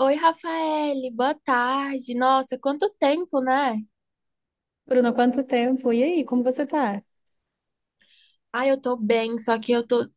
Oi, Rafaele, boa tarde. Nossa, quanto tempo, né? Bruno, quanto tempo? E aí, como você tá? Ai, eu tô bem, só que eu tô,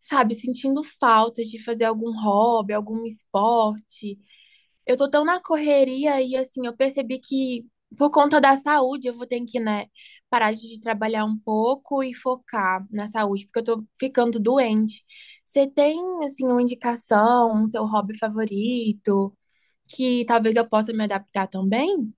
sabe, sentindo falta de fazer algum hobby, algum esporte. Eu tô tão na correria e, assim, eu percebi que, por conta da saúde, eu vou ter que, né, parar de trabalhar um pouco e focar na saúde, porque eu tô ficando doente. Você tem, assim, uma indicação, um seu hobby favorito, que talvez eu possa me adaptar também?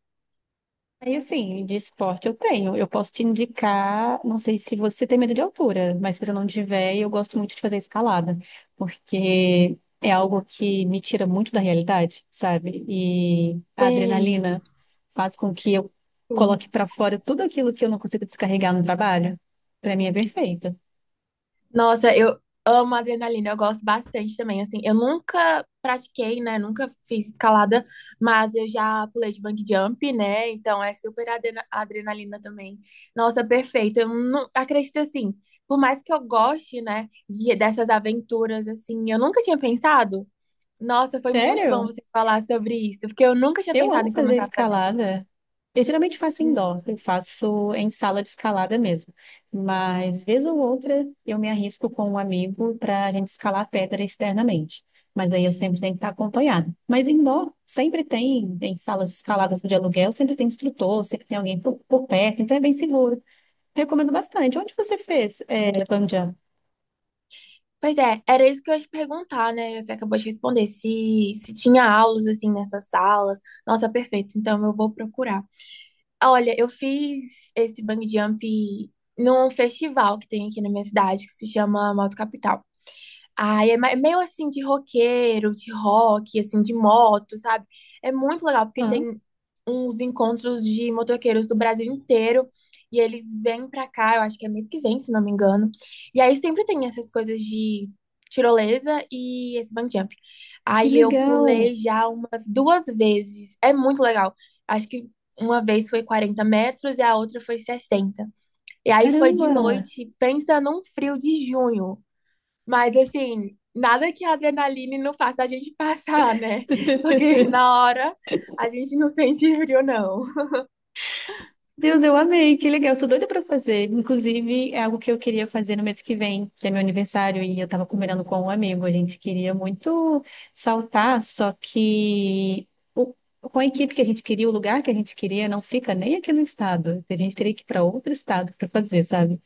Aí, assim, de esporte eu tenho. Eu posso te indicar, não sei se você tem medo de altura, mas se você não tiver, eu gosto muito de fazer escalada, porque é algo que me tira muito da realidade, sabe? E a adrenalina faz com que eu Sei. coloque pra fora tudo aquilo que eu não consigo descarregar no trabalho. Pra mim é perfeito. Nossa, eu amo adrenalina, eu gosto bastante também. Assim, eu nunca pratiquei, né? Nunca fiz escalada, mas eu já pulei de bungee jump, né? Então é super adrenalina também. Nossa, perfeito. Eu não acredito assim, por mais que eu goste, né, dessas aventuras, assim, eu nunca tinha pensado. Nossa, foi muito bom Sério? você falar sobre isso, porque eu nunca tinha Eu pensado amo em fazer começar a fazer. escalada. Eu geralmente faço indoor, eu faço em sala de escalada mesmo. Mas, vez ou outra, eu me arrisco com um amigo para a gente escalar a pedra externamente. Mas aí eu sempre tenho que estar acompanhada. Mas indoor, sempre tem, em salas de escaladas de aluguel, sempre tem instrutor, sempre tem alguém por perto, então é bem seguro. Recomendo bastante. Onde você fez, bungee jump? Pois é, era isso que eu ia te perguntar, né? Você acabou de responder. Se tinha aulas assim nessas salas. Nossa, perfeito. Então eu vou procurar. Ah, olha, eu fiz esse bungee jump num festival que tem aqui na minha cidade que se chama Moto Capital. Ai, é é meio assim de roqueiro, de rock, assim, de moto, sabe? É muito legal, porque Ah, tem uns encontros de motoqueiros do Brasil inteiro e eles vêm pra cá, eu acho que é mês que vem, se não me engano. E aí sempre tem essas coisas de tirolesa e esse bungee jump. que Aí eu pulei legal! já umas duas vezes. É muito legal. Acho que uma vez foi 40 metros e a outra foi 60. E aí foi de Caramba! noite, pensa num frio de junho. Mas assim, nada que a adrenalina não faça a gente passar, né? Porque na hora a gente não sente frio, não. Deus, eu amei, que legal, eu sou doida pra fazer. Inclusive, é algo que eu queria fazer no mês que vem, que é meu aniversário, e eu tava combinando com um amigo. A gente queria muito saltar, só que o- com a equipe que a gente queria, o lugar que a gente queria, não fica nem aqui no estado. A gente teria que ir pra outro estado pra fazer, sabe?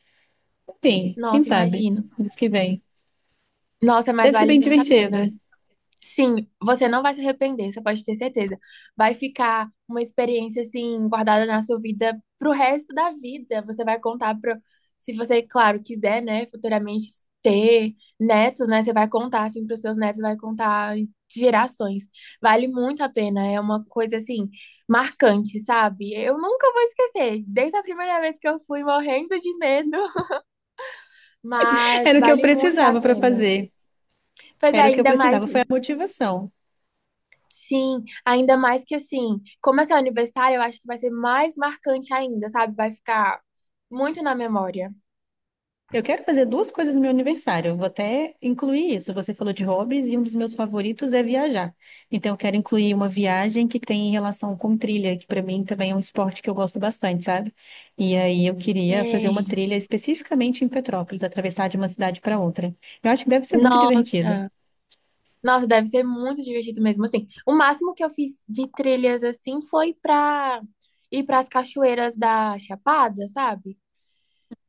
Enfim, quem Nossa, sabe, imagino. mês que vem. Nossa, mas Deve ser vale bem muito a divertido. pena. Sim, você não vai se arrepender, você pode ter certeza. Vai ficar uma experiência assim guardada na sua vida pro resto da vida. Você vai contar pro, se você, claro, quiser, né, futuramente ter netos, né, você vai contar assim pros seus netos, vai contar de gerações. Vale muito a pena, é uma coisa assim marcante, sabe? Eu nunca vou esquecer, desde a primeira vez que eu fui morrendo de medo, mas Era o que eu vale muito a precisava pra pena. fazer. Pois é, Era o que eu ainda mais. precisava, foi a motivação. Sim, ainda mais que assim, como essa é universitária, eu acho que vai ser mais marcante ainda, sabe? Vai ficar muito na memória. Eu quero fazer duas coisas no meu aniversário. Eu vou até incluir isso. Você falou de hobbies e um dos meus favoritos é viajar. Então, eu quero incluir uma viagem que tem relação com trilha, que para mim também é um esporte que eu gosto bastante, sabe? E aí eu queria fazer uma Sei. trilha especificamente em Petrópolis, atravessar de uma cidade para outra. Eu acho que deve ser muito divertido. Nossa, nossa, deve ser muito divertido mesmo. Assim, o máximo que eu fiz de trilhas assim foi pra ir pras cachoeiras da Chapada, sabe?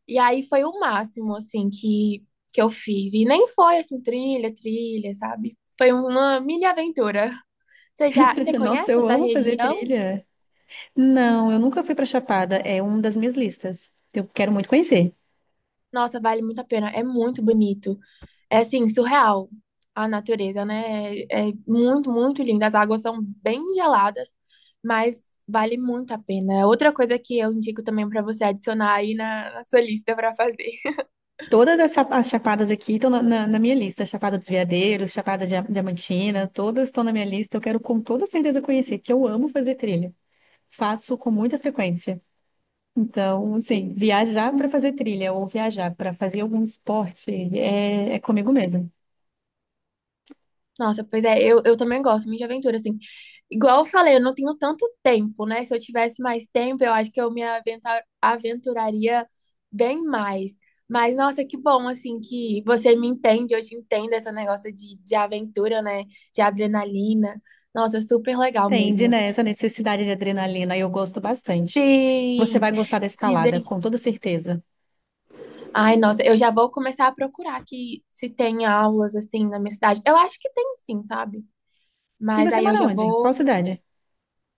E aí foi o máximo assim que eu fiz. E nem foi assim trilha, trilha, sabe? Foi uma mini aventura. Você já, você Nossa, conhece eu essa amo fazer região? trilha. Não, eu nunca fui para Chapada. É uma das minhas listas. Eu quero muito conhecer. Nossa, vale muito a pena. É muito bonito. É assim, surreal a natureza, né? É muito, muito linda. As águas são bem geladas, mas vale muito a pena. Outra coisa que eu indico também para você adicionar aí na sua lista para fazer. Todas as, as chapadas aqui estão na minha lista. Chapada dos Veadeiros, Chapada Diamantina, todas estão na minha lista. Eu quero com toda certeza conhecer, que eu amo fazer trilha. Faço com muita frequência. Então, assim, viajar para fazer trilha ou viajar para fazer algum esporte é comigo mesmo. Nossa, pois é, eu também gosto muito de aventura, assim. Igual eu falei, eu não tenho tanto tempo, né? Se eu tivesse mais tempo, eu acho que eu me aventuraria bem mais. Mas, nossa, que bom, assim, que você me entende, eu te entendo esse negócio de aventura, né? De adrenalina. Nossa, super legal Entende, mesmo. né, essa necessidade de adrenalina, eu gosto bastante. Você Sim, vai gostar da escalada, dizem. com toda certeza. Ai, nossa, eu já vou começar a procurar aqui se tem aulas, assim, na minha cidade. Eu acho que tem sim, sabe? E Mas você aí eu mora já onde? vou. Qual cidade?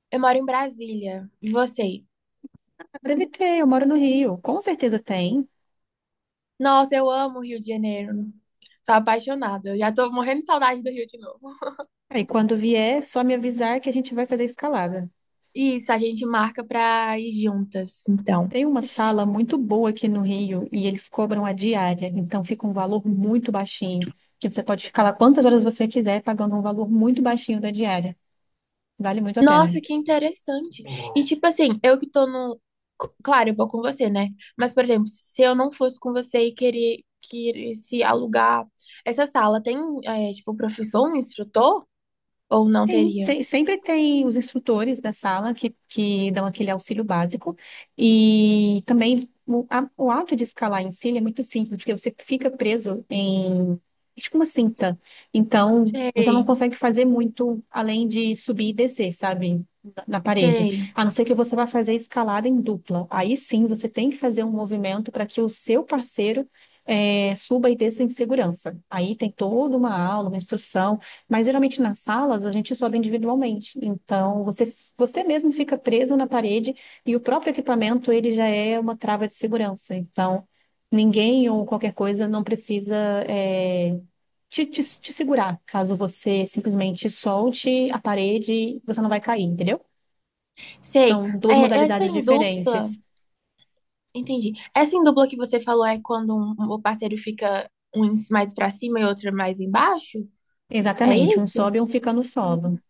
Eu moro em Brasília. E você? Deve ter, eu moro no Rio. Com certeza tem. Nossa, eu amo o Rio de Janeiro. Sou apaixonada. Eu já tô morrendo de saudade do Rio de novo. E quando vier, só me avisar que a gente vai fazer escalada. Isso, a gente marca pra ir juntas, então. Tem uma sala muito boa aqui no Rio e eles cobram a diária, então fica um valor muito baixinho, que você pode ficar lá quantas horas você quiser, pagando um valor muito baixinho da diária. Vale muito a pena. Nossa, que interessante. E tipo assim, eu que tô no. Claro, eu vou com você, né? Mas, por exemplo, se eu não fosse com você e querer, se alugar essa sala, tem, é, tipo, professor, um instrutor? Ou não Sim, teria? Sempre tem os instrutores da sala que dão aquele auxílio básico e também o ato de escalar em si ele é muito simples, porque você fica preso em tipo uma cinta. Então, você não Sei, consegue fazer muito além de subir e descer, sabe? Na parede. sei, A não ser que você vá fazer escalada em dupla. Aí sim, você tem que fazer um movimento para que o seu parceiro suba e desça em segurança. Aí tem toda uma aula, uma instrução, mas geralmente nas salas a gente sobe individualmente. Então você mesmo fica preso na parede e o próprio equipamento ele já é uma trava de segurança. Então ninguém ou qualquer coisa não precisa é, te segurar caso você simplesmente solte a parede, você não vai cair, entendeu? Sei. São duas É, essa modalidades em dupla. diferentes. Entendi. Essa em dupla que você falou é quando o parceiro fica um mais pra cima e outro mais embaixo? É Exatamente, um isso? sobe e um fica no Hum. solo.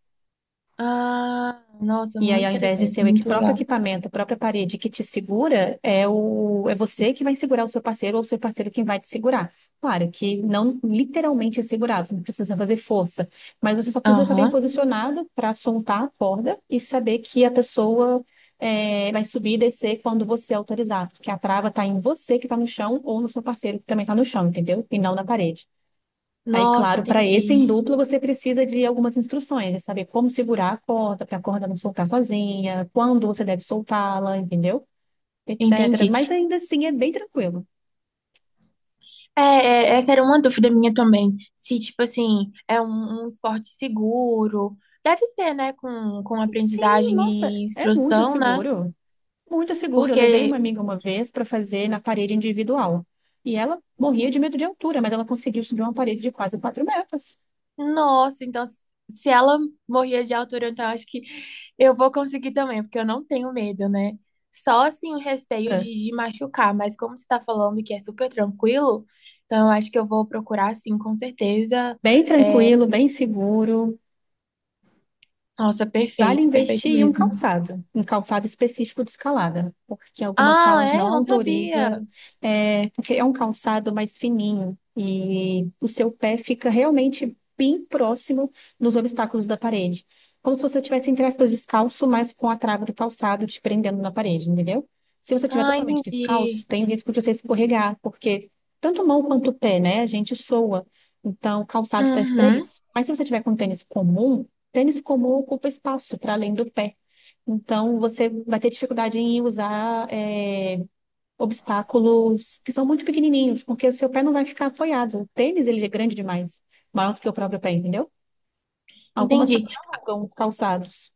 Ah, nossa, E muito aí, ao invés de interessante, ser o muito próprio legal. equipamento, a própria parede que te segura, é você que vai segurar o seu parceiro ou o seu parceiro quem vai te segurar. Claro que não literalmente é segurar, você não precisa fazer força, mas você só precisa estar bem Aham. posicionado para soltar a corda e saber que a pessoa vai subir e descer quando você autorizar, porque a trava está em você que está no chão ou no seu parceiro que também está no chão, entendeu? E não na parede. Aí, Nossa, claro, para esse em entendi. dupla você precisa de algumas instruções, de saber como segurar a corda, para a corda não soltar sozinha, quando você deve soltá-la, entendeu? Etc. Mas Entendi. ainda assim é bem tranquilo. Essa era uma dúvida minha também. Se, tipo assim, é um, um esporte seguro. Deve ser, né? Com Sim, aprendizagem nossa, e é muito instrução, né? seguro. Muito seguro. Eu levei uma Porque amiga uma vez para fazer na parede individual. E ela morria de medo de altura, mas ela conseguiu subir uma parede de quase 4 metros. nossa, então se ela morria de altura, então eu acho que eu vou conseguir também, porque eu não tenho medo, né? Só assim o receio É. De machucar, mas como você tá falando que é super tranquilo, então eu acho que eu vou procurar sim, com certeza. Bem tranquilo, bem seguro. Nossa, Vale perfeito, perfeito investir em mesmo. Um calçado específico de escalada, porque algumas Ah, salas não é? Não sabia. autorizam, porque é um calçado mais fininho e o seu pé fica realmente bem próximo dos obstáculos da parede. Como se você estivesse, entre aspas, descalço, mas com a trava do calçado te prendendo na parede, entendeu? Se você estiver Ah, totalmente descalço, entendi. tem o risco de você escorregar, porque tanto mão quanto pé, né, a gente soa. Então, o calçado serve para Uhum, isso. Mas se você tiver com um tênis comum, tênis comum ocupa espaço para além do pé. Então, você vai ter dificuldade em usar obstáculos que são muito pequenininhos, porque o seu pé não vai ficar apoiado. O tênis, ele é grande demais, maior do que o próprio pé, entendeu? Algumas entendi. salas alugam calçados.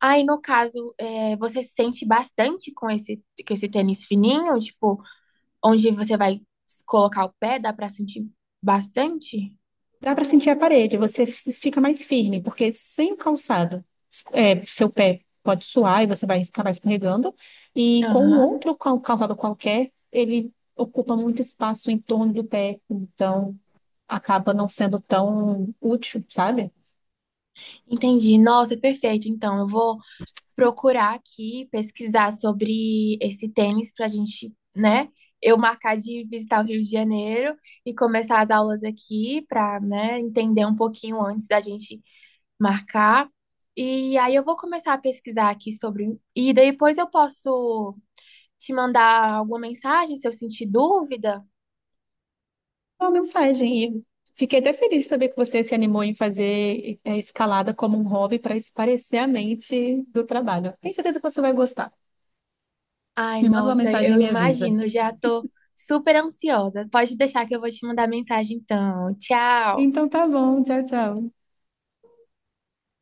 Aí, no caso, é, você sente bastante com esse tênis fininho? Tipo, onde você vai colocar o pé, dá pra sentir bastante? Dá para sentir a parede, você fica mais firme, porque sem o calçado, seu pé pode suar e você vai acabar escorregando. E com um Aham, outro calçado qualquer, ele ocupa muito espaço em torno do pé. Então, acaba não sendo tão útil, sabe? entendi. Nossa, perfeito. Então, eu vou procurar aqui, pesquisar sobre esse tênis pra gente, né? Eu marcar de visitar o Rio de Janeiro e começar as aulas aqui pra, né, entender um pouquinho antes da gente marcar. E aí eu vou começar a pesquisar aqui sobre. E daí depois eu posso te mandar alguma mensagem se eu sentir dúvida. É uma mensagem. E fiquei até feliz de saber que você se animou em fazer escalada como um hobby para espairecer a mente do trabalho. Tenho certeza que você vai gostar. Ai, Me manda uma nossa, mensagem e eu me avisa. imagino, já tô super ansiosa. Pode deixar que eu vou te mandar mensagem então. Tchau. Então tá bom, tchau, tchau.